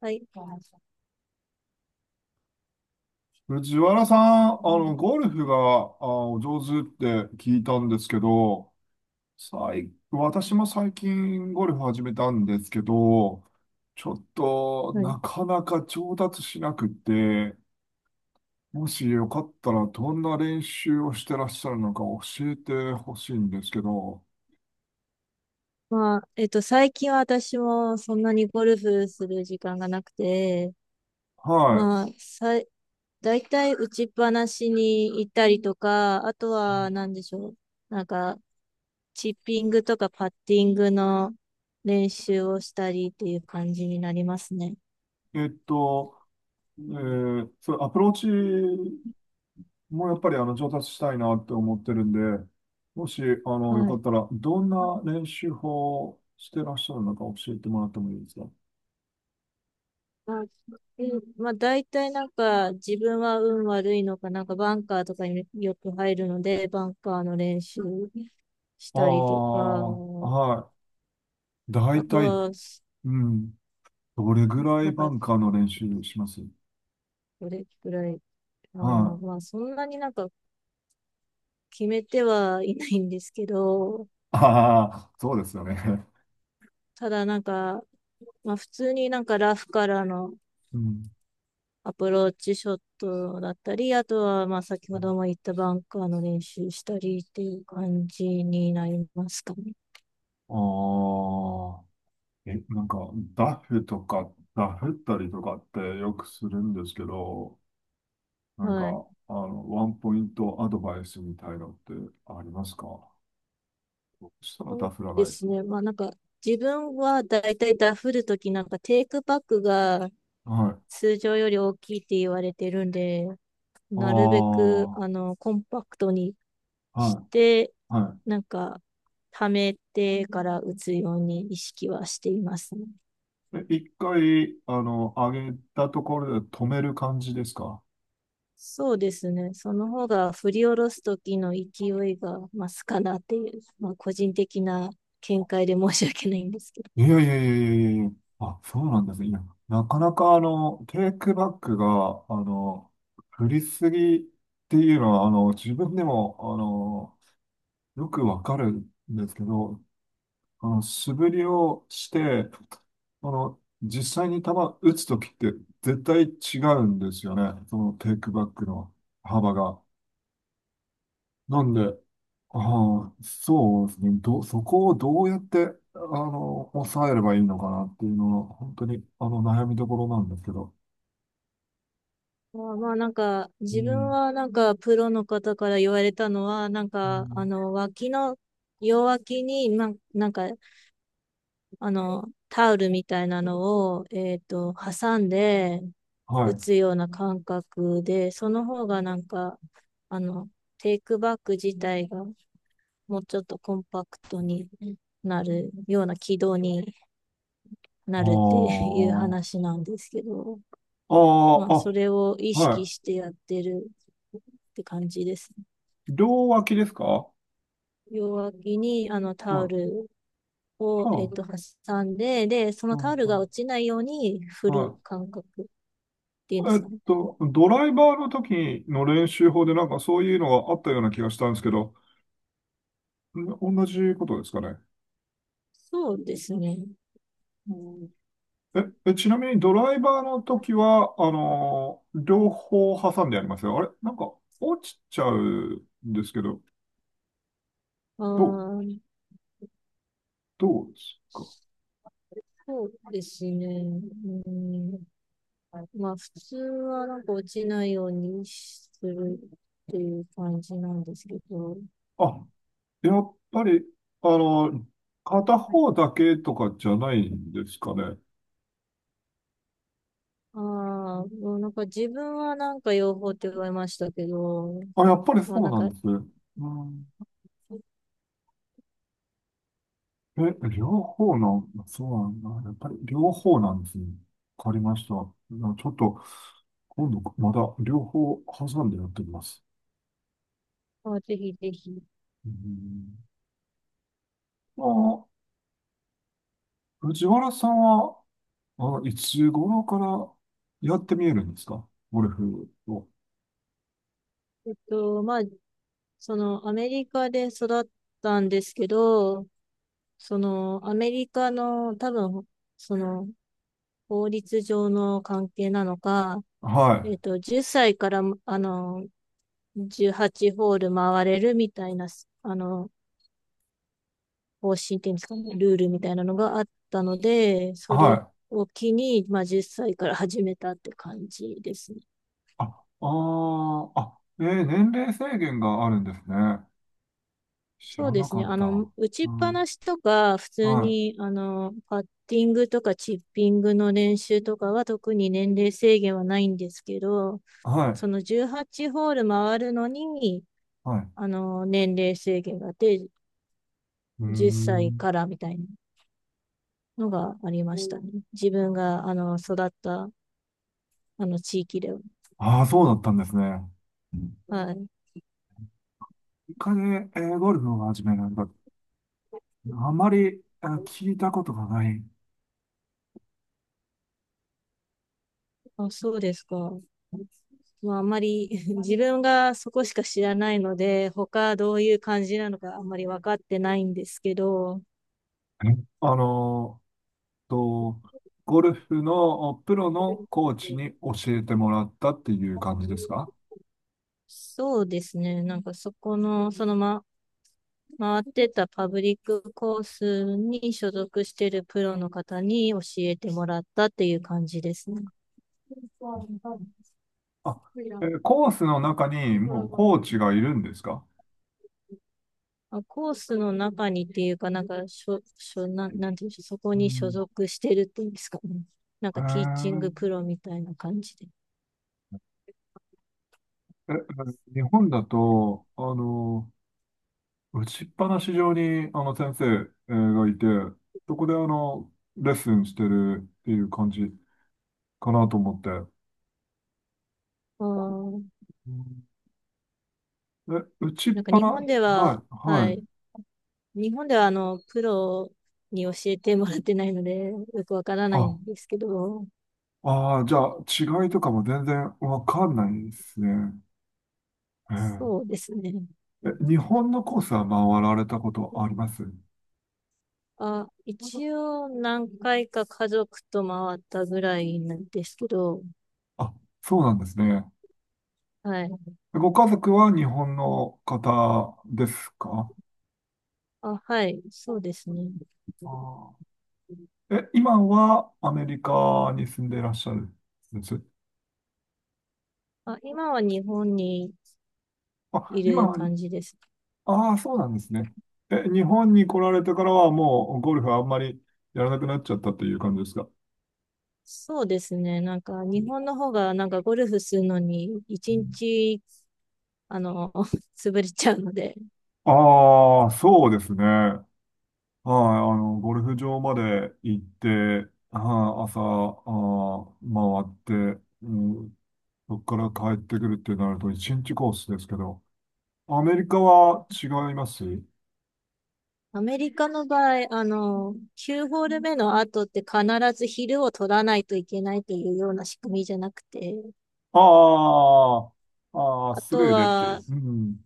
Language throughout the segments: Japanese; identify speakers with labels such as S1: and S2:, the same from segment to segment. S1: はい。
S2: 藤原さん、ゴルフが、お上手って聞いたんですけど、私も最近ゴルフ始めたんですけど、ちょっと
S1: はい。
S2: なかなか上達しなくて、もしよかったらどんな練習をしてらっしゃるのか教えてほしいんですけど、
S1: まあ、最近は私もそんなにゴルフする時間がなくて、
S2: は
S1: まあ、大体打ちっぱなしに行ったりとか、あとは何でしょう。なんか、チッピングとかパッティングの練習をしたりっていう感じになりますね。
S2: い。それアプローチ、もうやっぱり上達したいなって思ってるんで、もしよ
S1: は
S2: か
S1: い。
S2: ったら、どん
S1: まあ
S2: な練習法をしてらっしゃるのか教えてもらってもいいですか？
S1: だまあ、大体なんか自分は運悪いのか、なんかバンカーとかによく入るので、バンカーの練習し
S2: あ
S1: たりと
S2: あ、
S1: か、
S2: はい。
S1: あ
S2: 大
S1: と
S2: 体、
S1: は、
S2: うん。どれぐら
S1: な
S2: い
S1: ん
S2: バ
S1: か、
S2: ンカーの練習します？
S1: どれくらい、あ
S2: は
S1: ー、
S2: い。
S1: まあ、そんなになんか決めてはいないんですけど、
S2: ああ、そうですよね。
S1: ただなんか、まあ、普通になんかラフからの
S2: うん。
S1: アプローチショットだったり、あとは、まあ、先ほども言ったバンカーの練習したりっていう感じになりますかね。
S2: ああ、え、なんか、ダフとか、ダフったりとかってよくするんですけど、なんか、
S1: はい。
S2: あの、ワンポイントアドバイスみたいのってありますか？そしたら
S1: そ
S2: ダ
S1: う
S2: フら
S1: で
S2: な
S1: す
S2: い。
S1: ね。まあ、なんか、自分はだいたいダフるときなんかテイクバックが
S2: はい。
S1: 通常より大きいって言われてるんで、
S2: あ
S1: なるべく、
S2: あ、
S1: コンパクトにし
S2: は
S1: て、
S2: い、は
S1: なんか、溜めてから打つように意識はしていますね。
S2: い。え、一回、あの、上げたところで止める感じですか？
S1: そうですね。その方が振り下ろす時の勢いが増すかなっていう、まあ、個人的な見解で申し訳ないんですけど。
S2: いやいやいやいやいやいや。あ、そうなんですね。いや、なかなか、あの、テイクバックが、あの、振りすぎっていうのは、あの、自分でも、あの、よくわかるんですけど、あの、素振りをして、あの、実際に球打つときって絶対違うんですよね。そのテイクバックの幅が。なんで、ああ、そうですね。ど、そこをどうやって、あの、抑えればいいのかなっていうのが、本当に、あの、悩みどころなんですけど。
S1: まあ、まあなんか、
S2: う
S1: 自分
S2: ん。
S1: はなんか、プロの方から言われたのは、なん
S2: う
S1: か、
S2: ん、
S1: 脇の、両脇に、まあ、なんか、タオルみたいなのを、挟んで
S2: はい。
S1: 打
S2: あ
S1: つような感覚で、その方がなんか、あの、テイクバック自体がもうちょっとコンパクトになるような軌道になるっていう話なんですけど、
S2: あ、
S1: まあ、
S2: あ
S1: そ
S2: あ、
S1: れを意
S2: あ、
S1: 識
S2: は
S1: してやってるって感じですね。
S2: い。両脇ですか？は
S1: 両脇にあの
S2: い。
S1: タオ
S2: は、
S1: ルを、
S2: あ、
S1: 挟んで、で、そ
S2: う
S1: のタオ
S2: ん、
S1: ル
S2: う
S1: が
S2: ん、
S1: 落ちないように振
S2: は
S1: る
S2: い。
S1: 感覚っていうんですかね。
S2: ドライバーの時の練習法でなんかそういうのがあったような気がしたんですけど、ん、同じことですかね。
S1: そうですね。
S2: うん、え、え、ちなみにドライバーの時は、あのー、両方挟んでやりますよ。あれなんか落ちちゃうんですけど、
S1: あ
S2: どう、
S1: ー
S2: どうですか？
S1: そうですね。うん、まあ、普通はなんか落ちないようにするっていう感じなんですけど、
S2: あ、やっぱり、あのー、片方だけとかじゃないんですかね。
S1: ああ、もうなんか自分はなんか養蜂って言われましたけど、
S2: あ、やっぱり
S1: まあ
S2: そう
S1: なん
S2: なん
S1: か、
S2: ですね。うん、え、両方の、そうなんだ。やっぱり両方なんですね。わかりました。な、ちょっと、今度まだ両方挟んでやってみます。
S1: まあ、ぜひぜひ。
S2: うん、あ、藤原さんは、あ、いつ頃からやってみえるんですか？ゴルフを。
S1: まあ、そのアメリカで育ったんですけど、そのアメリカの多分、その法律上の関係なのか、
S2: はい。
S1: 10歳から、18ホール回れるみたいな、あの、方針っていうんですかね、ルールみたいなのがあったので、そ
S2: は
S1: れ
S2: い。
S1: を機に、まあ、10歳から始めたって感じですね。
S2: あ、あー、あ、えー、年齢制限があるんですね。知
S1: そう
S2: ら
S1: で
S2: な
S1: す
S2: か
S1: ね。
S2: った。
S1: 打ち
S2: う
S1: っぱ
S2: ん、
S1: なしとか、普通
S2: はい。
S1: に、パッティングとかチッピングの練習とかは特に年齢制限はないんですけど、
S2: は
S1: そ
S2: い。
S1: の18ホール回るのに、
S2: はい。
S1: 年齢制限があって、
S2: うー
S1: 10歳
S2: ん。
S1: からみたいなのがありましたね。自分が、育った、あの、地域では。
S2: ああ、そうだったんですね。
S1: はい。
S2: イカで、えー、ゴルフを始めるのか、あまり、あ、聞いたことがない。
S1: あ、そうですか。まあ、あんまり 自分がそこしか知らないので、他どういう感じなのかあんまり分かってないんですけど、
S2: え、あのーと、ゴルフのおプロのコーチに教えてもらったっていう感じですか？
S1: そうですね。なんかそこの、回ってたパブリックコースに所属してるプロの方に教えてもらったっていう感じですね。
S2: あ、えー、コースの中にもうコーチがいるんですか？
S1: まあ、コースの中にっていうか、なんか、しょ、しょ、なん、なんていうんでしょう、そこ
S2: う
S1: に所
S2: ん。
S1: 属してるっていうんですかね。なん
S2: へ
S1: か、ティーチン
S2: ー、
S1: グプロみたいな感じで。
S2: え、え、日本だと、あの、打ちっぱなし上に、あの、先生えーがいて、そこで、あの、レッスンしてるっていう感じかなと思って。
S1: あー
S2: うん、え、打ちっ
S1: なんか、
S2: ぱな、
S1: 日本で
S2: はい、
S1: は、は
S2: はい。
S1: い。日本では、プロに教えてもらってないので、よくわからない
S2: あ、
S1: んですけど、
S2: ああ、じゃあ、違いとかも全然わかんないですね。え、
S1: そうですね。
S2: ええ、日本のコースは回られたことあります？
S1: あ、一応、何回か家族と回ったぐらいなんですけど、
S2: あ、そうなんですね。
S1: はい。
S2: ご家族は日本の方ですか？
S1: あ、はい。そうですね。
S2: ああ、え、今はアメリカに住んでいらっしゃるんです？
S1: あ、今は日本に
S2: あ、
S1: い
S2: 今
S1: る
S2: は、
S1: 感じですね。
S2: ああ、そうなんですね。え、日本に来られてからはもうゴルフあんまりやらなくなっちゃったという感じですか？
S1: そうですね。なんか、日本の方が、なんか、ゴルフするのに、一日、あの、潰れちゃうので、
S2: ああ、そうですね。はい、あの、ゴルフ場まで行って、はい、朝、あー、回って、うん、そこから帰ってくるってなると一日コースですけど、アメリカは違います？
S1: アメリカの場合、9ホール目の後って必ず昼を取らないといけないというような仕組みじゃなくて、
S2: ああ、あー、あー、
S1: あ
S2: ス
S1: と
S2: ルーでってい
S1: は、
S2: う。うん、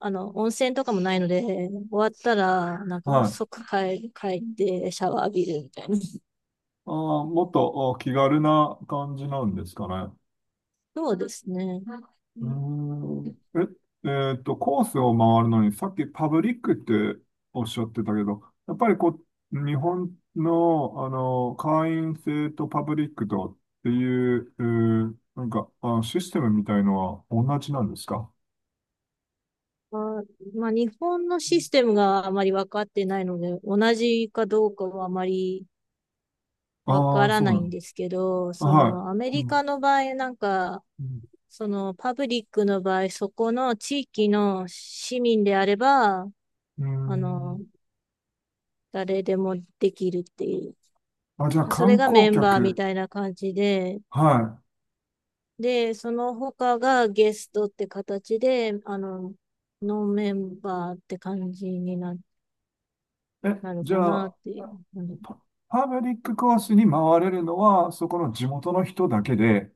S1: 温泉とかもないので、終わったら、なん
S2: は
S1: か、
S2: い。
S1: 即帰ってシャワー浴びるみたいな。
S2: ああ、もっとあ気軽な感じなんですかね。
S1: そうですね。
S2: うーん。え、コースを回るのに、さっきパブリックっておっしゃってたけど、やっぱりこう、日本の、あの、会員制とパブリックとっていう、えー、なんか、あ、システムみたいのは同じなんですか？
S1: まあ、まあ、日本のシステムがあまり分かってないので、同じかどうかはあまりわ
S2: あ
S1: か
S2: あー、
S1: ら
S2: そ
S1: な
S2: うな
S1: いん
S2: の。
S1: ですけど、そ
S2: は
S1: のアメ
S2: い。う
S1: リ
S2: ん。
S1: カの場合、なんか、
S2: うん。
S1: そのパブリックの場合、そこの地域の市民であれば、
S2: うー
S1: あの、
S2: ん、
S1: 誰でもできるっていう。
S2: あ、じゃあ
S1: それ
S2: 観
S1: が
S2: 光
S1: メンバーみ
S2: 客。
S1: たいな感じで、
S2: はい。
S1: で、その他がゲストって形で、ノンメンバーって感じにな、
S2: え、
S1: なる
S2: じ
S1: か
S2: ゃ
S1: なっ
S2: あ、
S1: ていう。
S2: パ、パブリックコースに回れるのは、そこの地元の人だけで、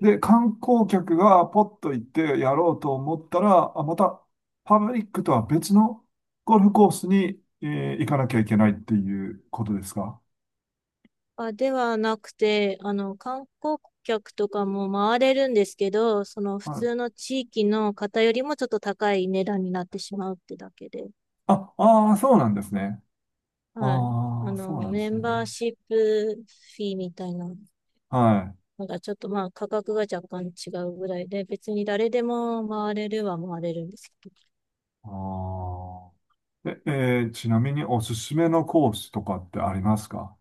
S2: で、観光客がポッと行ってやろうと思ったら、あ、また、パブリックとは別のゴルフコースに、えー、行かなきゃいけないっていうことですか？
S1: あ、ではなくて、観光客とかも回れるんですけど、その普
S2: はい。
S1: 通の地域の方よりもちょっと高い値段になってしまうってだけで、
S2: あ、ああ、そうなんですね。
S1: はい。
S2: ああ、そうなんで
S1: メ
S2: す
S1: ン
S2: ね。
S1: バーシップフィーみたいな
S2: はい。
S1: のがちょっとまあ価格が若干違うぐらいで、別に誰でも回れるは回れるんですけど
S2: ああ。え、えー、ちなみにおすすめのコースとかってありますか？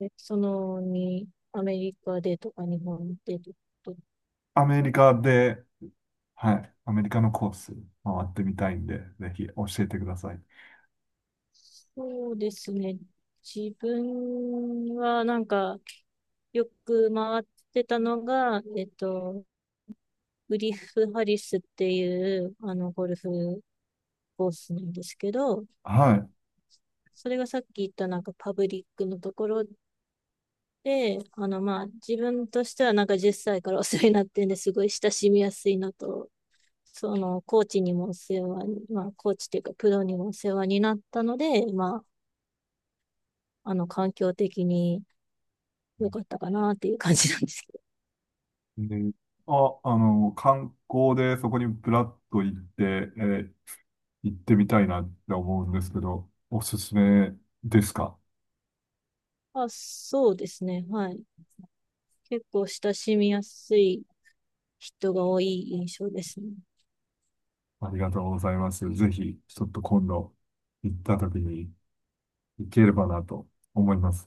S1: ね、でそのに、アメリカでとか日本でとか、
S2: アメリカで、はい。アメリカのコース回ってみたいんで、ぜひ教えてください。
S1: そうですね。自分はなんか、よく回ってたのが、グリフ・ハリスっていう、ゴルフコースなんですけど、
S2: は
S1: それがさっき言ったなんかパブリックのところで、まあ、自分としてはなんか10歳からお世話になってんですごい親しみやすいのと、コーチにもお世話に、まあ、コーチというかプロにもお世話になったので、まあ、環境的に良かったかなっていう感じなんですけど。
S2: い。で、あ、あの、観光でそこにブラッと行って、えー、行ってみたいなって思うんですけど、おすすめですか？
S1: あ、そうですね。はい。結構親しみやすい人が多い印象ですね。
S2: ありがとうございます。ぜひ、ちょっと今度行った時に行ければなと思います。